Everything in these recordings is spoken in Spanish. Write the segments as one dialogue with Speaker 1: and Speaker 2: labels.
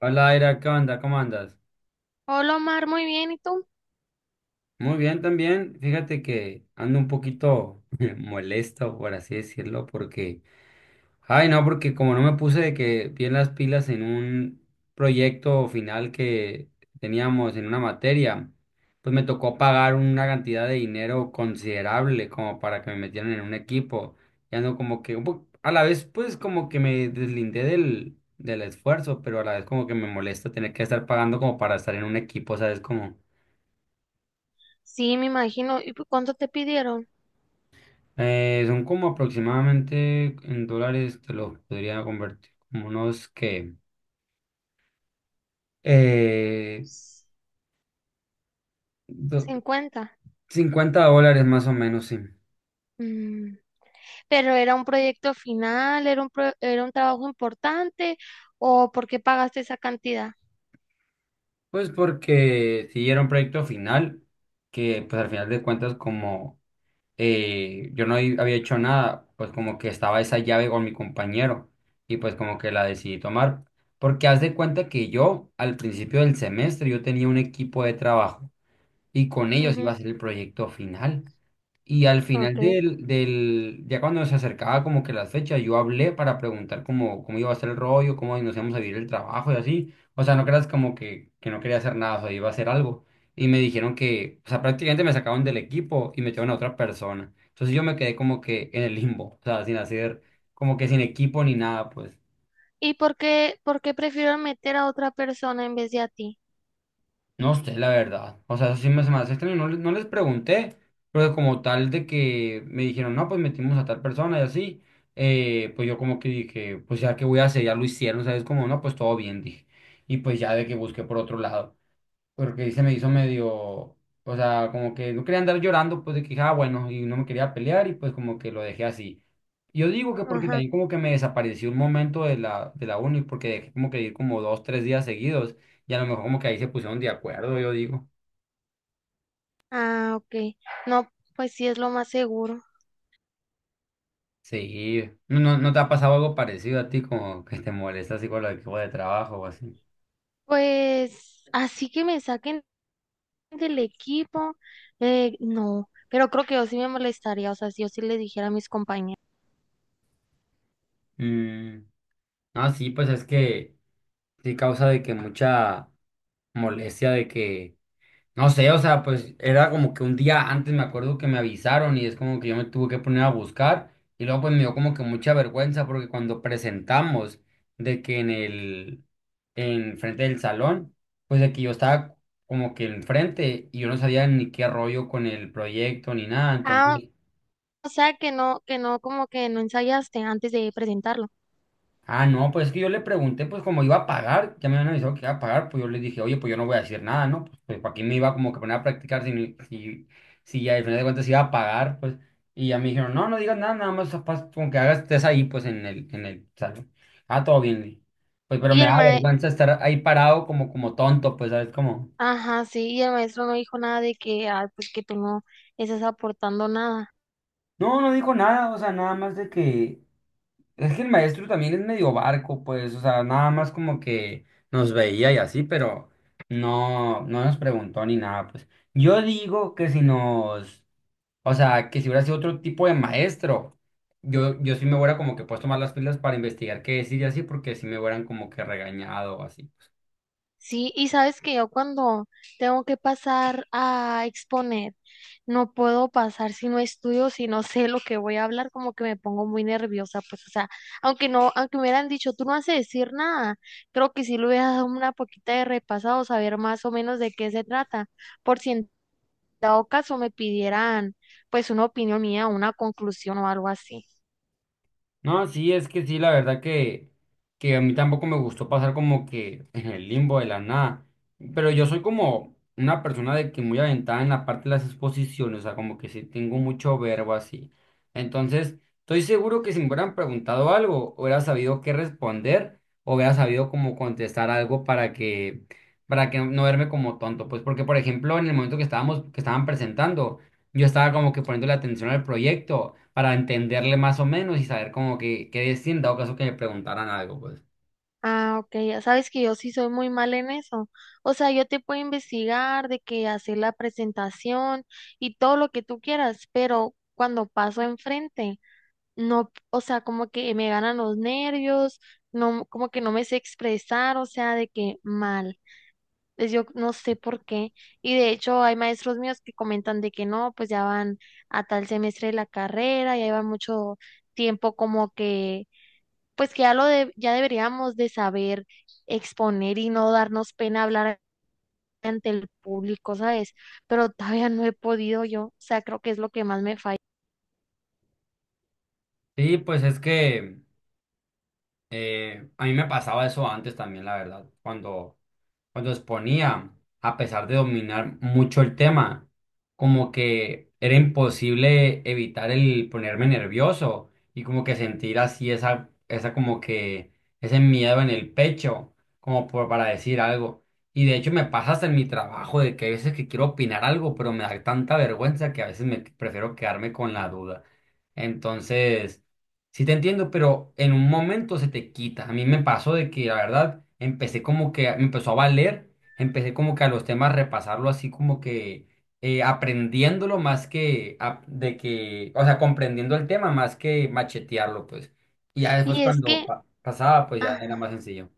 Speaker 1: Hola, Aira, ¿qué onda? ¿Cómo andas?
Speaker 2: Hola Omar, muy bien, ¿y tú?
Speaker 1: Muy bien también. Fíjate que ando un poquito molesto, por así decirlo, porque como no me puse de que bien las pilas en un proyecto final que teníamos en una materia, pues me tocó pagar una cantidad de dinero considerable como para que me metieran en un equipo. Y ando como que, a la vez, pues como que me deslindé del esfuerzo, pero a la vez como que me molesta tener que estar pagando como para estar en un equipo, ¿sabes? Como...
Speaker 2: Sí, me imagino. ¿Y pues, cuánto te pidieron?
Speaker 1: Son como aproximadamente en dólares, te lo podría convertir como unos eh,
Speaker 2: S-
Speaker 1: do-
Speaker 2: 50.
Speaker 1: $50 más o menos, sí.
Speaker 2: Mm, Pero era un proyecto final, era era un trabajo importante, ¿o por qué pagaste esa cantidad?
Speaker 1: Pues porque si era un proyecto final, que pues al final de cuentas como yo había hecho nada, pues como que estaba esa llave con mi compañero y pues como que la decidí tomar. Porque haz de cuenta que yo al principio del semestre yo tenía un equipo de trabajo y con ellos iba a
Speaker 2: Ujú,
Speaker 1: hacer el proyecto final. Y al final
Speaker 2: ok.
Speaker 1: del, del, ya cuando se acercaba como que la fecha, yo hablé para preguntar cómo iba a ser el rollo, cómo nos íbamos a vivir el trabajo y así. O sea, no creas como que no quería hacer nada, o sea, iba a hacer algo. Y me dijeron que, o sea, prácticamente me sacaron del equipo y metieron a otra persona. Entonces yo me quedé como que en el limbo, o sea, sin hacer, como que sin equipo ni nada, pues.
Speaker 2: ¿Y por qué prefiero meter a otra persona en vez de a ti?
Speaker 1: No sé, la verdad. O sea, se me hace extraño. No, no les pregunté, pero como tal de que me dijeron, no, pues metimos a tal persona y así, pues yo como que dije, pues ya que voy a hacer, ya lo hicieron, ¿sabes? Como, no, pues todo bien, dije. Y pues ya de que busqué por otro lado porque se me hizo medio, o sea, como que no quería andar llorando, pues de que, dije, ah, bueno, y no me quería pelear y pues como que lo dejé así. Yo digo que porque
Speaker 2: Ajá.
Speaker 1: también como que me desapareció un momento de la uni, porque dejé como que ir como dos, tres días seguidos y a lo mejor como que ahí se pusieron de acuerdo, yo digo.
Speaker 2: Ah, ok. No, pues sí es lo más seguro.
Speaker 1: Sí, ¿no te ha pasado algo parecido a ti como que te molesta así con el equipo de trabajo o así?
Speaker 2: Pues así que me saquen del equipo, no, pero creo que yo sí me molestaría, o sea, si yo sí le dijera a mis compañeros.
Speaker 1: Mm, ah, sí, pues es que sí causa de que mucha molestia de que no sé, o sea, pues era como que un día antes me acuerdo que me avisaron y es como que yo me tuve que poner a buscar y luego pues me dio como que mucha vergüenza porque cuando presentamos de que en el, en frente del salón, pues de que yo estaba como que enfrente y yo no sabía ni qué rollo con el proyecto ni nada,
Speaker 2: Ah,
Speaker 1: entonces...
Speaker 2: o sea, que no, como que no ensayaste antes de presentarlo.
Speaker 1: Ah, no, pues es que yo le pregunté, pues como iba a pagar, ya me habían avisado que iba a pagar, pues yo le dije, oye, pues yo no voy a decir nada, ¿no? Pues para qué me iba como que poner a practicar si al final de cuentas iba a pagar, pues. Y ya me dijeron, no, no digas nada, nada más con que hagas, estés ahí, pues en el salón. Ah, todo bien, le dije. Pues pero
Speaker 2: Y
Speaker 1: me
Speaker 2: el
Speaker 1: da
Speaker 2: ma.
Speaker 1: vergüenza estar ahí parado como tonto, pues, ¿sabes? Como,
Speaker 2: Ajá, sí, y el maestro no dijo nada de que, ay, pues que tú no estás aportando nada.
Speaker 1: no, no dijo nada, o sea, nada más de que. Es que el maestro también es medio barco, pues, o sea, nada más como que nos veía y así, pero no, no nos preguntó ni nada, pues. Yo digo que si nos, o sea, que si hubiera sido otro tipo de maestro, yo sí me hubiera como que puesto más las pilas para investigar qué decir y así, porque sí me hubieran como que regañado o así.
Speaker 2: Sí, y sabes que yo cuando tengo que pasar a exponer, no puedo pasar si no estudio, si no sé lo que voy a hablar, como que me pongo muy nerviosa, pues, o sea, aunque no, aunque me hubieran dicho, tú no has de decir nada, creo que sí le hubiera dado una poquita de repasado, saber más o menos de qué se trata, por si en dado caso me pidieran, pues, una opinión mía, una conclusión o algo así.
Speaker 1: No, sí, es que sí, la verdad que a mí tampoco me gustó pasar como que en el limbo de la nada. Pero yo soy como una persona de que muy aventada en la parte de las exposiciones, o sea, como que sí tengo mucho verbo así. Entonces, estoy seguro que si me hubieran preguntado algo, hubiera sabido qué responder o hubiera sabido cómo contestar algo para que no verme como tonto. Pues porque, por ejemplo, en el momento que que estaban presentando yo estaba como que poniendo la atención al proyecto para entenderle más o menos y saber como que qué decir en dado caso que me preguntaran algo, pues.
Speaker 2: Ah, ok, ya sabes que yo sí soy muy mal en eso. O sea, yo te puedo investigar de que hacer la presentación y todo lo que tú quieras, pero cuando paso enfrente, no, o sea, como que me ganan los nervios, no, como que no me sé expresar, o sea, de que mal. Pues yo no sé por qué. Y de hecho hay maestros míos que comentan de que no, pues ya van a tal semestre de la carrera, ya llevan mucho tiempo como que pues que ya deberíamos de saber exponer y no darnos pena hablar ante el público, ¿sabes? Pero todavía no he podido yo, o sea, creo que es lo que más me falla.
Speaker 1: Sí, pues es que a mí me pasaba eso antes también, la verdad, cuando exponía, a pesar de dominar mucho el tema, como que era imposible evitar el ponerme nervioso y como que sentir así esa como que ese miedo en el pecho, para decir algo. Y de hecho me pasa hasta en mi trabajo de que hay veces que quiero opinar algo, pero me da tanta vergüenza que a veces me prefiero quedarme con la duda. Entonces... Sí te entiendo, pero en un momento se te quita. A mí me pasó de que, la verdad, me empezó a valer, empecé como que a los temas repasarlo así como que aprendiéndolo de que, o sea, comprendiendo el tema más que machetearlo, pues. Y ya después
Speaker 2: Y es
Speaker 1: cuando
Speaker 2: que,
Speaker 1: pasaba, pues ya era
Speaker 2: ajá.
Speaker 1: más sencillo.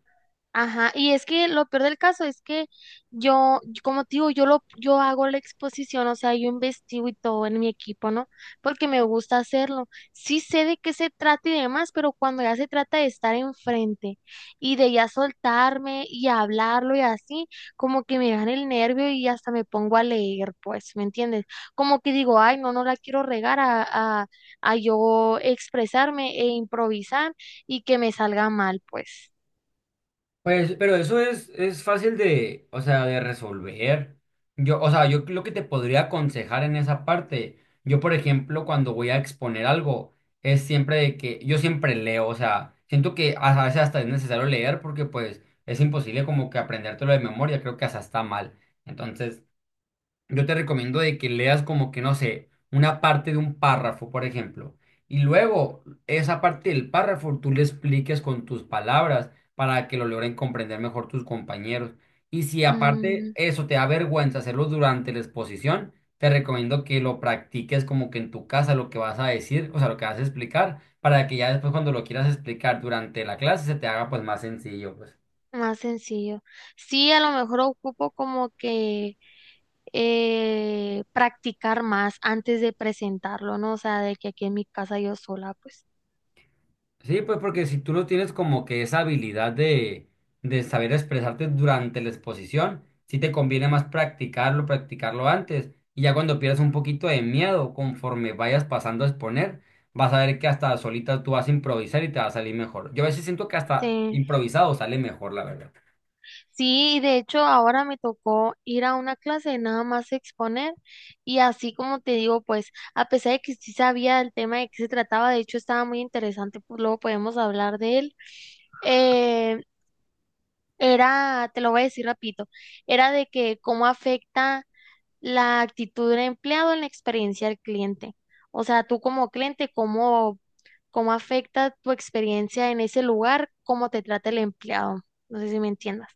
Speaker 2: Ajá, y es que lo peor del caso es que como te digo, yo hago la exposición, o sea, yo investigo y todo en mi equipo, ¿no? Porque me gusta hacerlo. Sí sé de qué se trata y demás, pero cuando ya se trata de estar enfrente y de ya soltarme y hablarlo y así, como que me dan el nervio y hasta me pongo a leer, pues, ¿me entiendes? Como que digo, ay, no, no la quiero regar a, a yo expresarme e improvisar y que me salga mal, pues.
Speaker 1: Pues, pero es fácil de, o sea, de resolver. Yo, o sea, yo lo que te podría aconsejar en esa parte, yo, por ejemplo, cuando voy a exponer algo, es siempre de que yo siempre leo, o sea, siento que a veces hasta es necesario leer porque pues es imposible como que aprendértelo de memoria, creo que hasta está mal. Entonces, yo te recomiendo de que leas como que, no sé, una parte de un párrafo, por ejemplo, y luego esa parte del párrafo tú le expliques con tus palabras para que lo logren comprender mejor tus compañeros. Y si aparte
Speaker 2: Mm.
Speaker 1: eso te da vergüenza hacerlo durante la exposición, te recomiendo que lo practiques como que en tu casa lo que vas a decir, o sea, lo que vas a explicar, para que ya después cuando lo quieras explicar durante la clase se te haga pues más sencillo, pues.
Speaker 2: Más sencillo. Sí, a lo mejor ocupo como que practicar más antes de presentarlo, ¿no? O sea, de que aquí en mi casa yo sola, pues.
Speaker 1: Sí, pues porque si tú no tienes como que esa habilidad de saber expresarte durante la exposición, sí te conviene más practicarlo antes. Y ya cuando pierdas un poquito de miedo, conforme vayas pasando a exponer, vas a ver que hasta solita tú vas a improvisar y te va a salir mejor. Yo a veces siento que hasta
Speaker 2: Sí.
Speaker 1: improvisado sale mejor, la verdad.
Speaker 2: Sí, de hecho ahora me tocó ir a una clase de nada más exponer y así como te digo, pues a pesar de que sí sabía el tema de qué se trataba, de hecho estaba muy interesante, pues luego podemos hablar de él. Eh, era, te lo voy a decir rapidito, era de que cómo afecta la actitud del empleado en la experiencia del cliente. O sea, tú como cliente, ¿cómo, cómo afecta tu experiencia en ese lugar, cómo te trata el empleado? No sé si me entiendas.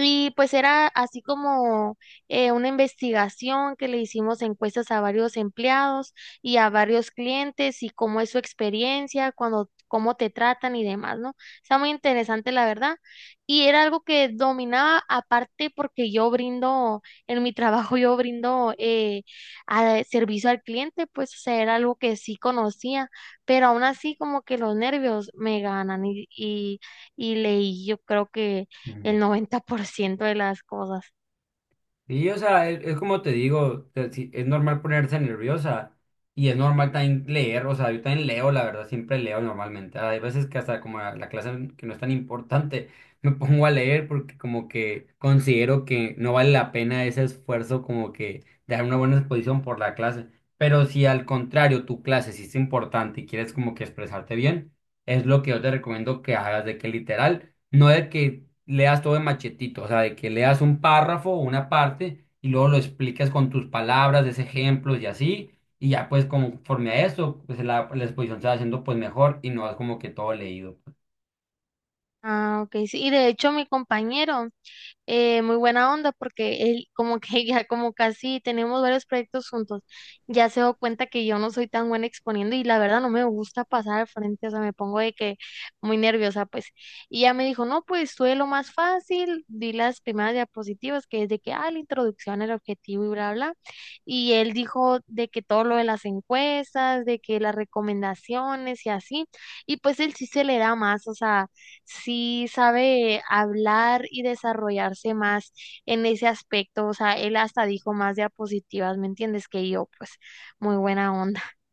Speaker 2: Y pues era así como una investigación que le hicimos encuestas a varios empleados y a varios clientes y cómo es su experiencia, cuando, cómo te tratan y demás, ¿no? Está muy interesante, la verdad. Y era algo que dominaba, aparte porque yo brindo, en mi trabajo yo brindo servicio al cliente, pues o sea, era algo que sí conocía, pero aún así como que los nervios me ganan y leí, yo creo que
Speaker 1: Ujú.
Speaker 2: el 90% de las cosas.
Speaker 1: Y, o sea, es como te digo, sí, es normal ponerse nerviosa y es normal también leer, o sea, yo también leo, la verdad, siempre leo normalmente. Hay veces que hasta como la clase que no es tan importante, me pongo a leer porque como que considero que no vale la pena ese esfuerzo como que de dar una buena exposición por la clase. Pero si al contrario tu clase sí es importante y quieres como que expresarte bien, es lo que yo te recomiendo que hagas de que literal, no de que leas todo de machetito, o sea, de que leas un párrafo o una parte y luego lo explicas con tus palabras, des ejemplos y así, y ya pues conforme a eso, pues la exposición se va haciendo pues mejor y no es como que todo leído.
Speaker 2: Ah, ok, sí. Y de hecho mi compañero, muy buena onda porque él como que ya como casi tenemos varios proyectos juntos, ya se dio cuenta que yo no soy tan buena exponiendo y la verdad no me gusta pasar al frente, o sea, me pongo de que muy nerviosa pues. Y ya me dijo, no, pues tú de lo más fácil, di las primeras diapositivas que es de que, ah, la introducción, el objetivo y bla, bla. Y él dijo de que todo lo de las encuestas, de que las recomendaciones y así, y pues él sí se le da más, o sea sí sabe hablar y desarrollarse más en ese aspecto. O sea, él hasta dijo más diapositivas, ¿me entiendes? Que yo, pues, muy buena onda.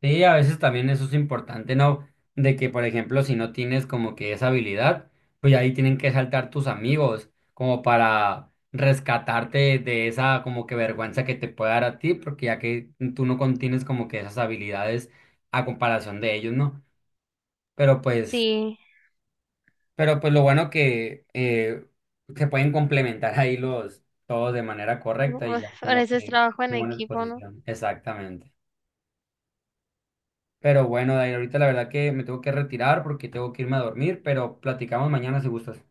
Speaker 1: Sí, a veces también eso es importante, ¿no? De que, por ejemplo, si no tienes como que esa habilidad, pues ahí tienen que saltar tus amigos como para rescatarte de esa como que vergüenza que te puede dar a ti, porque ya que tú no contienes como que esas habilidades a comparación de ellos, ¿no? Pero pues,
Speaker 2: Sí,
Speaker 1: pero pues lo bueno que se pueden complementar ahí los todos de manera
Speaker 2: u-
Speaker 1: correcta y ya
Speaker 2: por
Speaker 1: como
Speaker 2: eso es
Speaker 1: que
Speaker 2: trabajo en
Speaker 1: una buena
Speaker 2: equipo, ¿no?
Speaker 1: exposición. Exactamente. Pero bueno, Dair, ahorita la verdad que me tengo que retirar porque tengo que irme a dormir, pero platicamos mañana si gustas.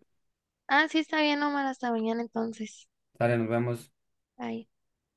Speaker 2: Ah, sí, está bien, Omar, hasta mañana entonces.
Speaker 1: Dale, nos vemos.
Speaker 2: Bye.